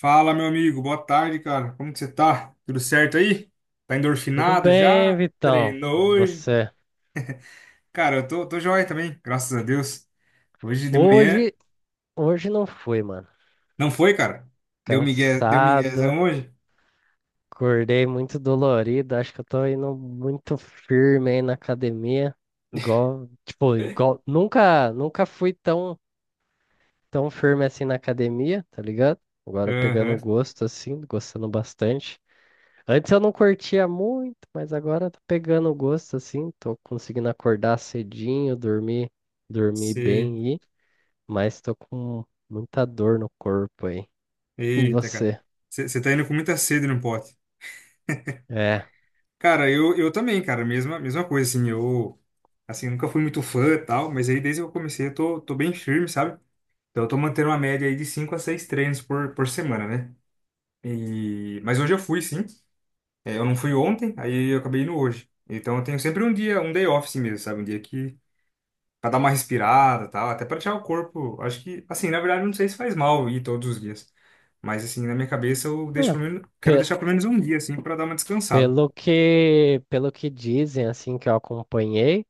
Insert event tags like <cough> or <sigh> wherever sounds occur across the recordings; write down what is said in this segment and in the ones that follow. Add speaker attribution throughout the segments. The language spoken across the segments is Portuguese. Speaker 1: Fala, meu amigo. Boa tarde, cara. Como que você tá? Tudo certo aí? Tá
Speaker 2: Tudo
Speaker 1: endorfinado
Speaker 2: bem,
Speaker 1: já?
Speaker 2: Vitão?
Speaker 1: Treinou hoje?
Speaker 2: Você?
Speaker 1: Cara, eu tô joia também, graças a Deus. Hoje de manhã...
Speaker 2: Hoje, hoje não fui, mano.
Speaker 1: Não foi, cara? Deu migué, deu
Speaker 2: Cansado,
Speaker 1: miguezão hoje?
Speaker 2: acordei muito dolorido. Acho que eu tô indo muito firme aí na academia. Igual, tipo, igual, nunca, nunca fui tão firme assim na academia, tá ligado? Agora pegando
Speaker 1: Aham,
Speaker 2: o gosto assim, gostando bastante. Antes eu não curtia muito, mas agora tô pegando o gosto assim, tô conseguindo acordar cedinho, dormir
Speaker 1: sei.
Speaker 2: bem, mas tô com muita dor no corpo aí. E
Speaker 1: Eita, cara.
Speaker 2: você?
Speaker 1: Você tá indo com muita sede no pote.
Speaker 2: É.
Speaker 1: Cara, eu também, cara. Mesma coisa, assim. Eu, assim, nunca fui muito fã e tal, mas aí desde que eu comecei eu tô bem firme, sabe? Então eu tô mantendo uma média aí de 5 a 6 treinos por semana, né? E... Mas hoje eu fui, sim. É, eu não fui ontem, aí eu acabei indo hoje. Então eu tenho sempre um dia, um day off, assim mesmo, sabe? Um dia que. Pra dar uma respirada e tal, até pra tirar o corpo. Acho que, assim, na verdade, eu não sei se faz mal ir todos os dias. Mas, assim, na minha cabeça, eu
Speaker 2: É,
Speaker 1: deixo pelo menos, quero
Speaker 2: pe-
Speaker 1: deixar pelo menos um dia, assim, pra dar uma descansada.
Speaker 2: pelo que dizem, assim, que eu acompanhei,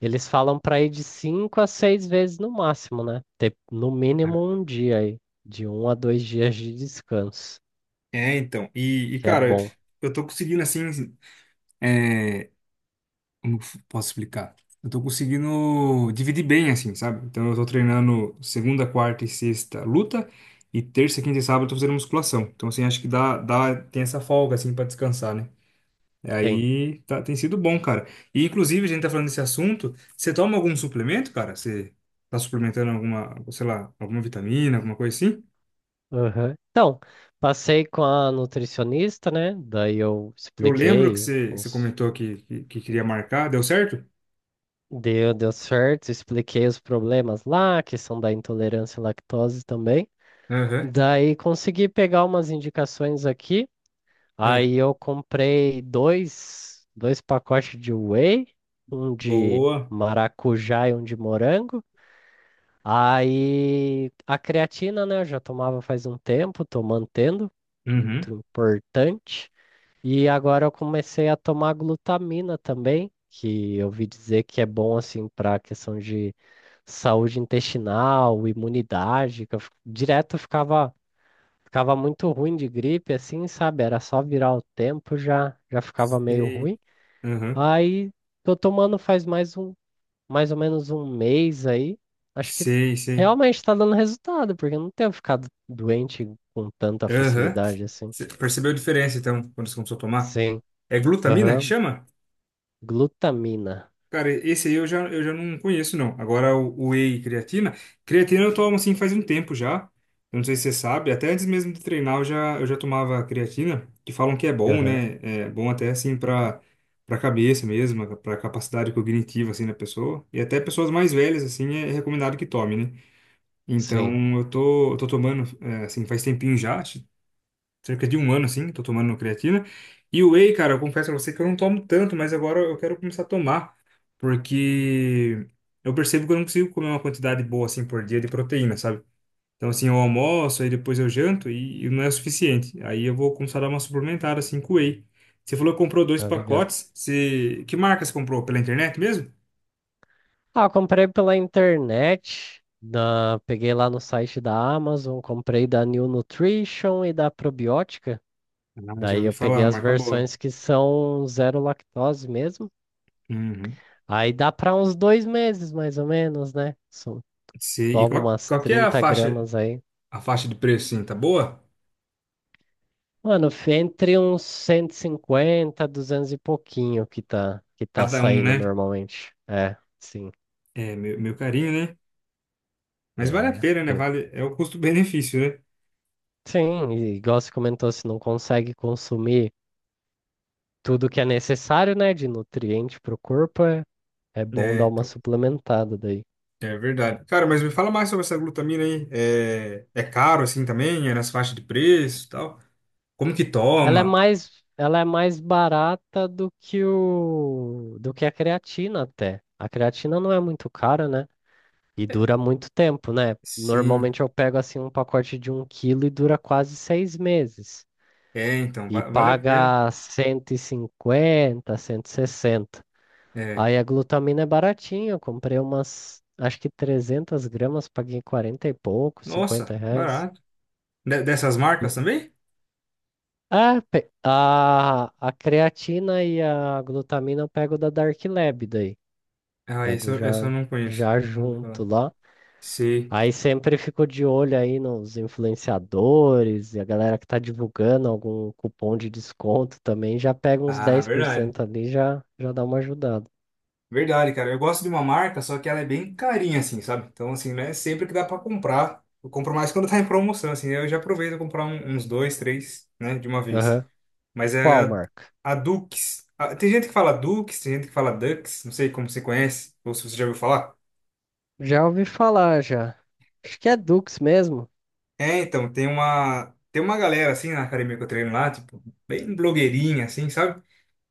Speaker 2: eles falam para ir de cinco a seis vezes no máximo, né? Ter no mínimo um dia aí, de 1 a 2 dias de descanso,
Speaker 1: É, então. E,
Speaker 2: que é
Speaker 1: cara,
Speaker 2: bom.
Speaker 1: eu tô conseguindo, assim, é, como que eu posso explicar? Eu tô conseguindo dividir bem, assim, sabe? Então eu tô treinando segunda, quarta e sexta luta, e terça, quinta e sábado eu tô fazendo musculação. Então, assim, acho que dá, tem essa folga, assim, pra descansar, né? E
Speaker 2: Sim.
Speaker 1: aí tá, tem sido bom, cara. E inclusive, a gente tá falando desse assunto, você toma algum suplemento, cara? Você tá suplementando alguma, sei lá, alguma vitamina, alguma coisa assim?
Speaker 2: Aham. Então, passei com a nutricionista, né? Daí eu
Speaker 1: Eu lembro que
Speaker 2: expliquei
Speaker 1: você
Speaker 2: os
Speaker 1: comentou que queria marcar, deu certo?
Speaker 2: deu certo, expliquei os problemas lá, que são da intolerância à lactose também.
Speaker 1: Aham,
Speaker 2: Daí consegui pegar umas indicações aqui.
Speaker 1: é.
Speaker 2: Aí eu comprei dois pacotes de whey, um de
Speaker 1: Boa.
Speaker 2: maracujá e um de morango. Aí a creatina, né, eu já tomava faz um tempo, tô mantendo,
Speaker 1: Uhum.
Speaker 2: muito importante. E agora eu comecei a tomar glutamina também, que eu ouvi dizer que é bom assim para a questão de saúde intestinal, imunidade, que eu, direto ficava muito ruim de gripe, assim, sabe? Era só virar o tempo, já, já ficava meio
Speaker 1: Sei.
Speaker 2: ruim.
Speaker 1: Aham.
Speaker 2: Aí tô tomando faz mais ou menos 1 mês aí. Acho que
Speaker 1: Sei, sei.
Speaker 2: realmente tá dando resultado, porque eu não tenho ficado doente com tanta
Speaker 1: Aham.
Speaker 2: facilidade assim.
Speaker 1: Cê percebeu a diferença, então, quando você começou a tomar?
Speaker 2: Sim.
Speaker 1: É glutamina que
Speaker 2: Aham.
Speaker 1: chama?
Speaker 2: Glutamina.
Speaker 1: Cara, esse aí eu já não conheço, não. Agora, o whey e creatina. Creatina eu tomo, assim, faz um tempo já. Eu não sei se você sabe. Até antes mesmo de treinar, eu já tomava creatina, que falam que é bom,
Speaker 2: Aham.
Speaker 1: né? É bom até, assim, pra, pra cabeça mesmo, pra capacidade cognitiva, assim, da pessoa. E até pessoas mais velhas, assim, é recomendado que tome, né?
Speaker 2: Sim.
Speaker 1: Então, eu tô tomando, assim, faz tempinho já. Cerca de um ano, assim, tô tomando creatina. E o whey, cara, eu confesso a você que eu não tomo tanto, mas agora eu quero começar a tomar, porque eu percebo que eu não consigo comer uma quantidade boa, assim, por dia de proteína, sabe? Então, assim, eu almoço, aí depois eu janto e não é o suficiente. Aí eu vou começar a dar uma suplementada, assim, com whey. Você falou que comprou dois
Speaker 2: Tá ligado.
Speaker 1: pacotes. Você... Que marca você comprou? Pela internet mesmo?
Speaker 2: Ah, eu comprei pela internet, peguei lá no site da Amazon, comprei da New Nutrition e da Probiótica.
Speaker 1: Ah, já
Speaker 2: Daí
Speaker 1: ouvi
Speaker 2: eu
Speaker 1: falar,
Speaker 2: peguei as
Speaker 1: marca boa.
Speaker 2: versões que são zero lactose mesmo.
Speaker 1: Uhum.
Speaker 2: Aí dá pra uns 2 meses, mais ou menos, né? Só
Speaker 1: Você- E
Speaker 2: toma umas
Speaker 1: qual que é
Speaker 2: 30 gramas aí.
Speaker 1: a faixa de preço, assim, tá boa?
Speaker 2: Mano, entre uns 150, 200 e pouquinho que tá
Speaker 1: Cada um,
Speaker 2: saindo
Speaker 1: né?
Speaker 2: normalmente. É, sim.
Speaker 1: É, meu carinho, né? Mas vale a
Speaker 2: É.
Speaker 1: pena, né? Vale, é o custo-benefício, né?
Speaker 2: Sim, e igual você comentou, se não consegue consumir tudo que é necessário, né, de nutriente para o corpo, é bom
Speaker 1: É,
Speaker 2: dar uma
Speaker 1: então,
Speaker 2: suplementada daí.
Speaker 1: é verdade. Cara, mas me fala mais sobre essa glutamina aí. É caro assim também? É nas faixas de preço e tal? Como que
Speaker 2: Ela é
Speaker 1: toma?
Speaker 2: mais, ela é mais barata do que a creatina até. A creatina não é muito cara, né? E dura muito tempo, né?
Speaker 1: Sim.
Speaker 2: Normalmente eu pego assim um pacote de 1 quilo e dura quase 6 meses.
Speaker 1: É, então,
Speaker 2: E
Speaker 1: vale a pena.
Speaker 2: paga 150, 160.
Speaker 1: É.
Speaker 2: Aí a glutamina é baratinha, eu comprei umas, acho que 300 gramas, paguei 40 e pouco, 50
Speaker 1: Nossa,
Speaker 2: reais.
Speaker 1: barato. De- dessas marcas também?
Speaker 2: Ah, a creatina e a glutamina eu pego da Dark Lab daí.
Speaker 1: Ah, isso
Speaker 2: Pego
Speaker 1: eu, esse eu
Speaker 2: já,
Speaker 1: não conheço.
Speaker 2: já
Speaker 1: Não vou
Speaker 2: junto
Speaker 1: falar.
Speaker 2: lá.
Speaker 1: Sim.
Speaker 2: Aí sempre fico de olho aí nos influenciadores e a galera que tá divulgando algum cupom de desconto também. Já pega uns
Speaker 1: Ah,
Speaker 2: dez por
Speaker 1: verdade.
Speaker 2: cento ali, já dá uma ajudada.
Speaker 1: Verdade, cara. Eu gosto de uma marca, só que ela é bem carinha, assim, sabe? Então, assim, não é sempre que dá pra comprar. Eu compro mais quando tá em promoção, assim. Eu já aproveito a comprar um- uns dois, três, né, de uma vez.
Speaker 2: Aham.
Speaker 1: Mas é
Speaker 2: Qual marca?
Speaker 1: a Dux. A- tem gente que fala Dukes, tem gente que fala Dux. Não sei como você conhece, ou se você já ouviu falar.
Speaker 2: Já ouvi falar, já. Acho que é Dux mesmo.
Speaker 1: É, então, tem uma galera, assim, na academia que eu treino lá, tipo, bem blogueirinha, assim, sabe?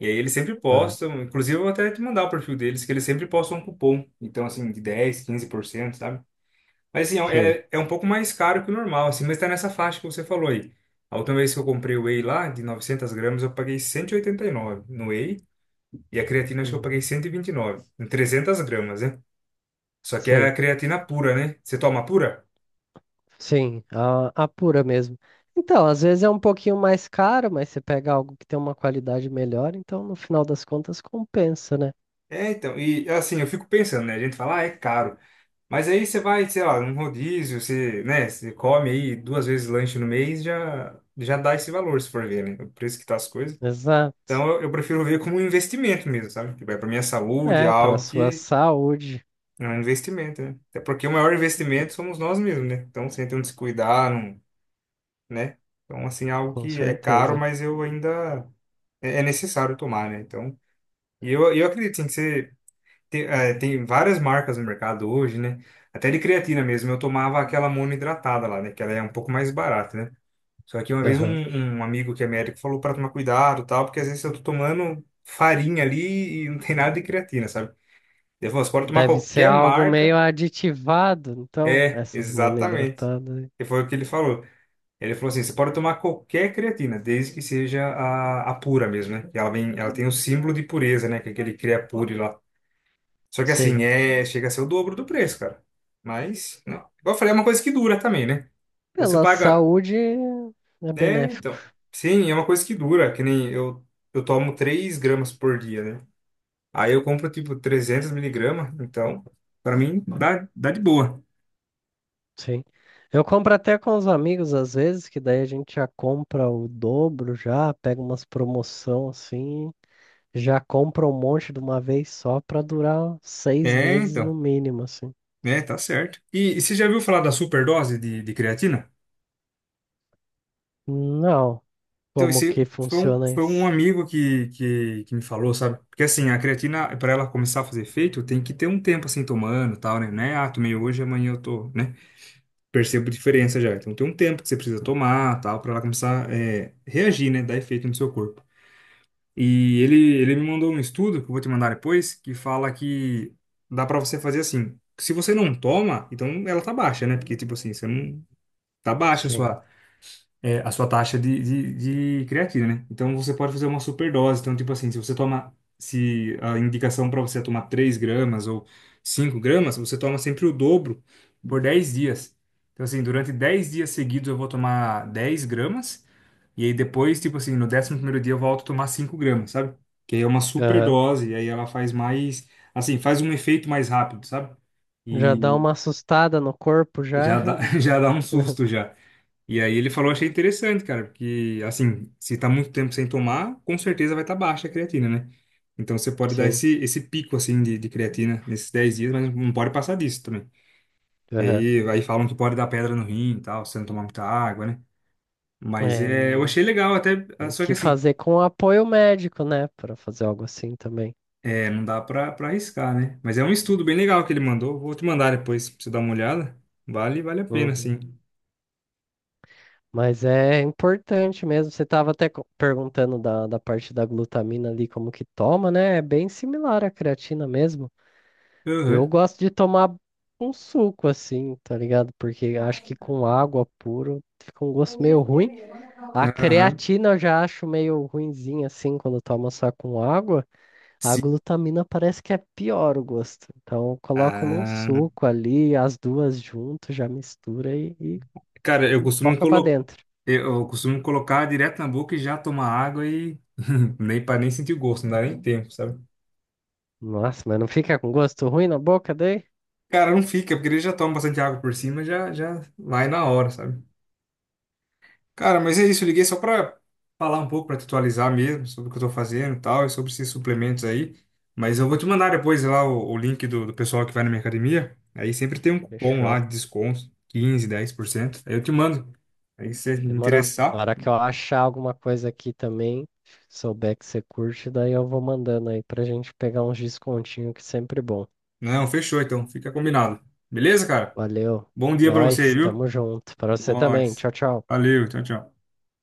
Speaker 1: E aí eles sempre
Speaker 2: Aham.
Speaker 1: postam, inclusive eu vou até te mandar o perfil deles, que eles sempre postam um cupom. Então, assim, de 10, 15% sabe? Mas assim,
Speaker 2: Sei.
Speaker 1: é um pouco mais caro que o normal, assim, mas tá nessa faixa que você falou aí. A última vez que eu comprei o whey lá, de 900 gramas, eu paguei 189 no whey, e a creatina acho que eu paguei
Speaker 2: Uhum.
Speaker 1: 129, em 300 gramas, né? Só que é a
Speaker 2: Sei.
Speaker 1: creatina pura, né? Você toma pura?
Speaker 2: Sim, a pura mesmo. Então, às vezes é um pouquinho mais caro, mas você pega algo que tem uma qualidade melhor, então no final das contas compensa, né?
Speaker 1: É, então, e assim, eu fico pensando, né? A gente fala, ah, é caro. Mas aí você vai, sei lá, num rodízio, você, né, você come aí duas vezes lanche no mês, já dá esse valor, se for ver, né? O preço que tá as coisas.
Speaker 2: Exato.
Speaker 1: Então eu prefiro ver como um investimento mesmo, sabe? Que vai para minha saúde, é
Speaker 2: É, para
Speaker 1: algo
Speaker 2: sua
Speaker 1: que
Speaker 2: saúde,
Speaker 1: é um investimento, né? Até porque o maior investimento somos nós mesmos, né? Então sem ter um descuidar, não, né? Então assim, é algo
Speaker 2: com
Speaker 1: que é caro,
Speaker 2: certeza.
Speaker 1: mas eu ainda é necessário tomar, né? Então, e eu acredito, sim, que você tem, tem várias marcas no mercado hoje, né? Até de creatina mesmo, eu tomava aquela monoidratada lá, né? Que ela é um pouco mais barata, né? Só que uma vez
Speaker 2: Aham.
Speaker 1: um amigo que é médico falou para tomar cuidado, e tal, porque às vezes eu tô tomando farinha ali e não tem nada de creatina, sabe? Ele falou, você pode tomar
Speaker 2: Deve ser
Speaker 1: qualquer
Speaker 2: algo meio
Speaker 1: marca.
Speaker 2: aditivado, então,
Speaker 1: É,
Speaker 2: essas
Speaker 1: exatamente.
Speaker 2: monoidratadas aí.
Speaker 1: E foi o que ele falou. Ele falou assim, você pode tomar qualquer creatina, desde que seja a pura mesmo, né? Que ela vem, ela tem o símbolo de pureza, né? Que é aquele Creapure lá. Só que assim,
Speaker 2: Sei.
Speaker 1: é, chega a ser o dobro do preço, cara. Mas, não. Igual eu falei, é uma coisa que dura também, né? Então você
Speaker 2: Pela
Speaker 1: paga.
Speaker 2: saúde é
Speaker 1: É,
Speaker 2: benéfico.
Speaker 1: então. Sim, é uma coisa que dura, que nem eu, eu tomo 3 gramas por dia, né? Aí eu compro tipo 300 miligramas, então, pra mim dá, dá de boa.
Speaker 2: Sim. Eu compro até com os amigos às vezes, que daí a gente já compra o dobro já, pega umas promoção assim, já compra um monte de uma vez só pra durar seis
Speaker 1: É,
Speaker 2: meses
Speaker 1: então.
Speaker 2: no mínimo, assim.
Speaker 1: É, tá certo. E você já viu falar da superdose de creatina?
Speaker 2: Não,
Speaker 1: Então,
Speaker 2: como
Speaker 1: esse
Speaker 2: que
Speaker 1: foi
Speaker 2: funciona
Speaker 1: foi um
Speaker 2: isso?
Speaker 1: amigo que me falou, sabe? Porque assim, a creatina, pra ela começar a fazer efeito, tem que ter um tempo assim tomando e tal, né? Não é, ah, tomei hoje, amanhã eu tô, né? Percebo diferença já. Então tem um tempo que você precisa tomar, tal, para ela começar reagir, né, dar efeito no seu corpo. E ele me mandou um estudo que eu vou te mandar depois, que fala que dá para você fazer assim. Se você não toma, então ela tá baixa, né? Porque tipo assim, você não tá baixa a
Speaker 2: Sim.
Speaker 1: sua a sua taxa de creatina, né? Então você pode fazer uma superdose. Então, tipo assim, se você toma, se a indicação para você é tomar 3 gramas ou 5 gramas, você toma sempre o dobro por 10 dias. Então, assim, durante 10 dias seguidos eu vou tomar 10 gramas. E aí depois, tipo assim, no décimo primeiro dia eu volto a tomar 5 gramas, sabe? Que aí é uma
Speaker 2: Aham.
Speaker 1: superdose, e aí ela faz mais, assim, faz um efeito mais rápido, sabe?
Speaker 2: Já dá
Speaker 1: E
Speaker 2: uma assustada no corpo
Speaker 1: já
Speaker 2: já.
Speaker 1: dá, <laughs> já dá um
Speaker 2: <laughs>
Speaker 1: susto já. E aí ele falou, achei interessante, cara, porque assim, se tá muito tempo sem tomar, com certeza vai estar, tá baixa a creatina, né? Então você pode dar
Speaker 2: Sim.
Speaker 1: esse pico assim de creatina nesses 10 dias, mas não pode passar disso também.
Speaker 2: Aham.
Speaker 1: Aí falam que pode dar pedra no rim e tal, se não tomar muita água, né? Mas é, eu
Speaker 2: É,
Speaker 1: achei legal até, ah,
Speaker 2: tem
Speaker 1: só que
Speaker 2: que
Speaker 1: assim,
Speaker 2: fazer com apoio médico, né? Pra fazer algo assim também.
Speaker 1: é, não dá pra arriscar, né? Mas é um estudo bem legal que ele mandou, vou te mandar depois pra você dar uma olhada. Vale a pena,
Speaker 2: Uhum.
Speaker 1: sim.
Speaker 2: Mas é importante mesmo. Você estava até perguntando da parte da glutamina ali, como que toma, né? É bem similar à creatina mesmo. Eu
Speaker 1: Aham.
Speaker 2: gosto de tomar um suco assim, tá ligado? Porque acho que com água puro fica um gosto meio ruim. A
Speaker 1: Aham.
Speaker 2: creatina eu já acho meio ruinzinha assim, quando toma só com água. A
Speaker 1: Sim.
Speaker 2: glutamina parece que é pior o gosto. Então eu coloco num
Speaker 1: Ah,
Speaker 2: suco ali, as duas junto, já mistura e, e,
Speaker 1: cara, eu
Speaker 2: e
Speaker 1: costumo
Speaker 2: foca pra
Speaker 1: colocar.
Speaker 2: dentro.
Speaker 1: Eu costumo colocar direto na boca e já tomar água e <laughs> nem para nem sentir o gosto, não dá nem tempo, sabe?
Speaker 2: Nossa, mas não fica com gosto ruim na boca daí?
Speaker 1: Cara, não fica, porque ele já toma bastante água por cima, já vai na hora, sabe? Cara, mas é isso, eu liguei só para falar um pouco, para te atualizar mesmo sobre o que eu tô fazendo e tal, e sobre esses suplementos aí. Mas eu vou te mandar depois lá o link do pessoal que vai na minha academia. Aí sempre tem um cupom lá
Speaker 2: Fechou.
Speaker 1: de desconto, 15, 10% Aí eu te mando. Aí se você
Speaker 2: Demorou. Na
Speaker 1: interessar.
Speaker 2: hora que eu achar alguma coisa aqui também, souber que você curte, daí eu vou mandando aí pra gente pegar uns descontinho que é sempre bom.
Speaker 1: Não, fechou então, fica combinado. Beleza, cara?
Speaker 2: Valeu.
Speaker 1: Bom dia para você,
Speaker 2: Nós,
Speaker 1: viu?
Speaker 2: tamo junto. Pra você também.
Speaker 1: Nós.
Speaker 2: Tchau, tchau.
Speaker 1: Valeu, tchau, tchau.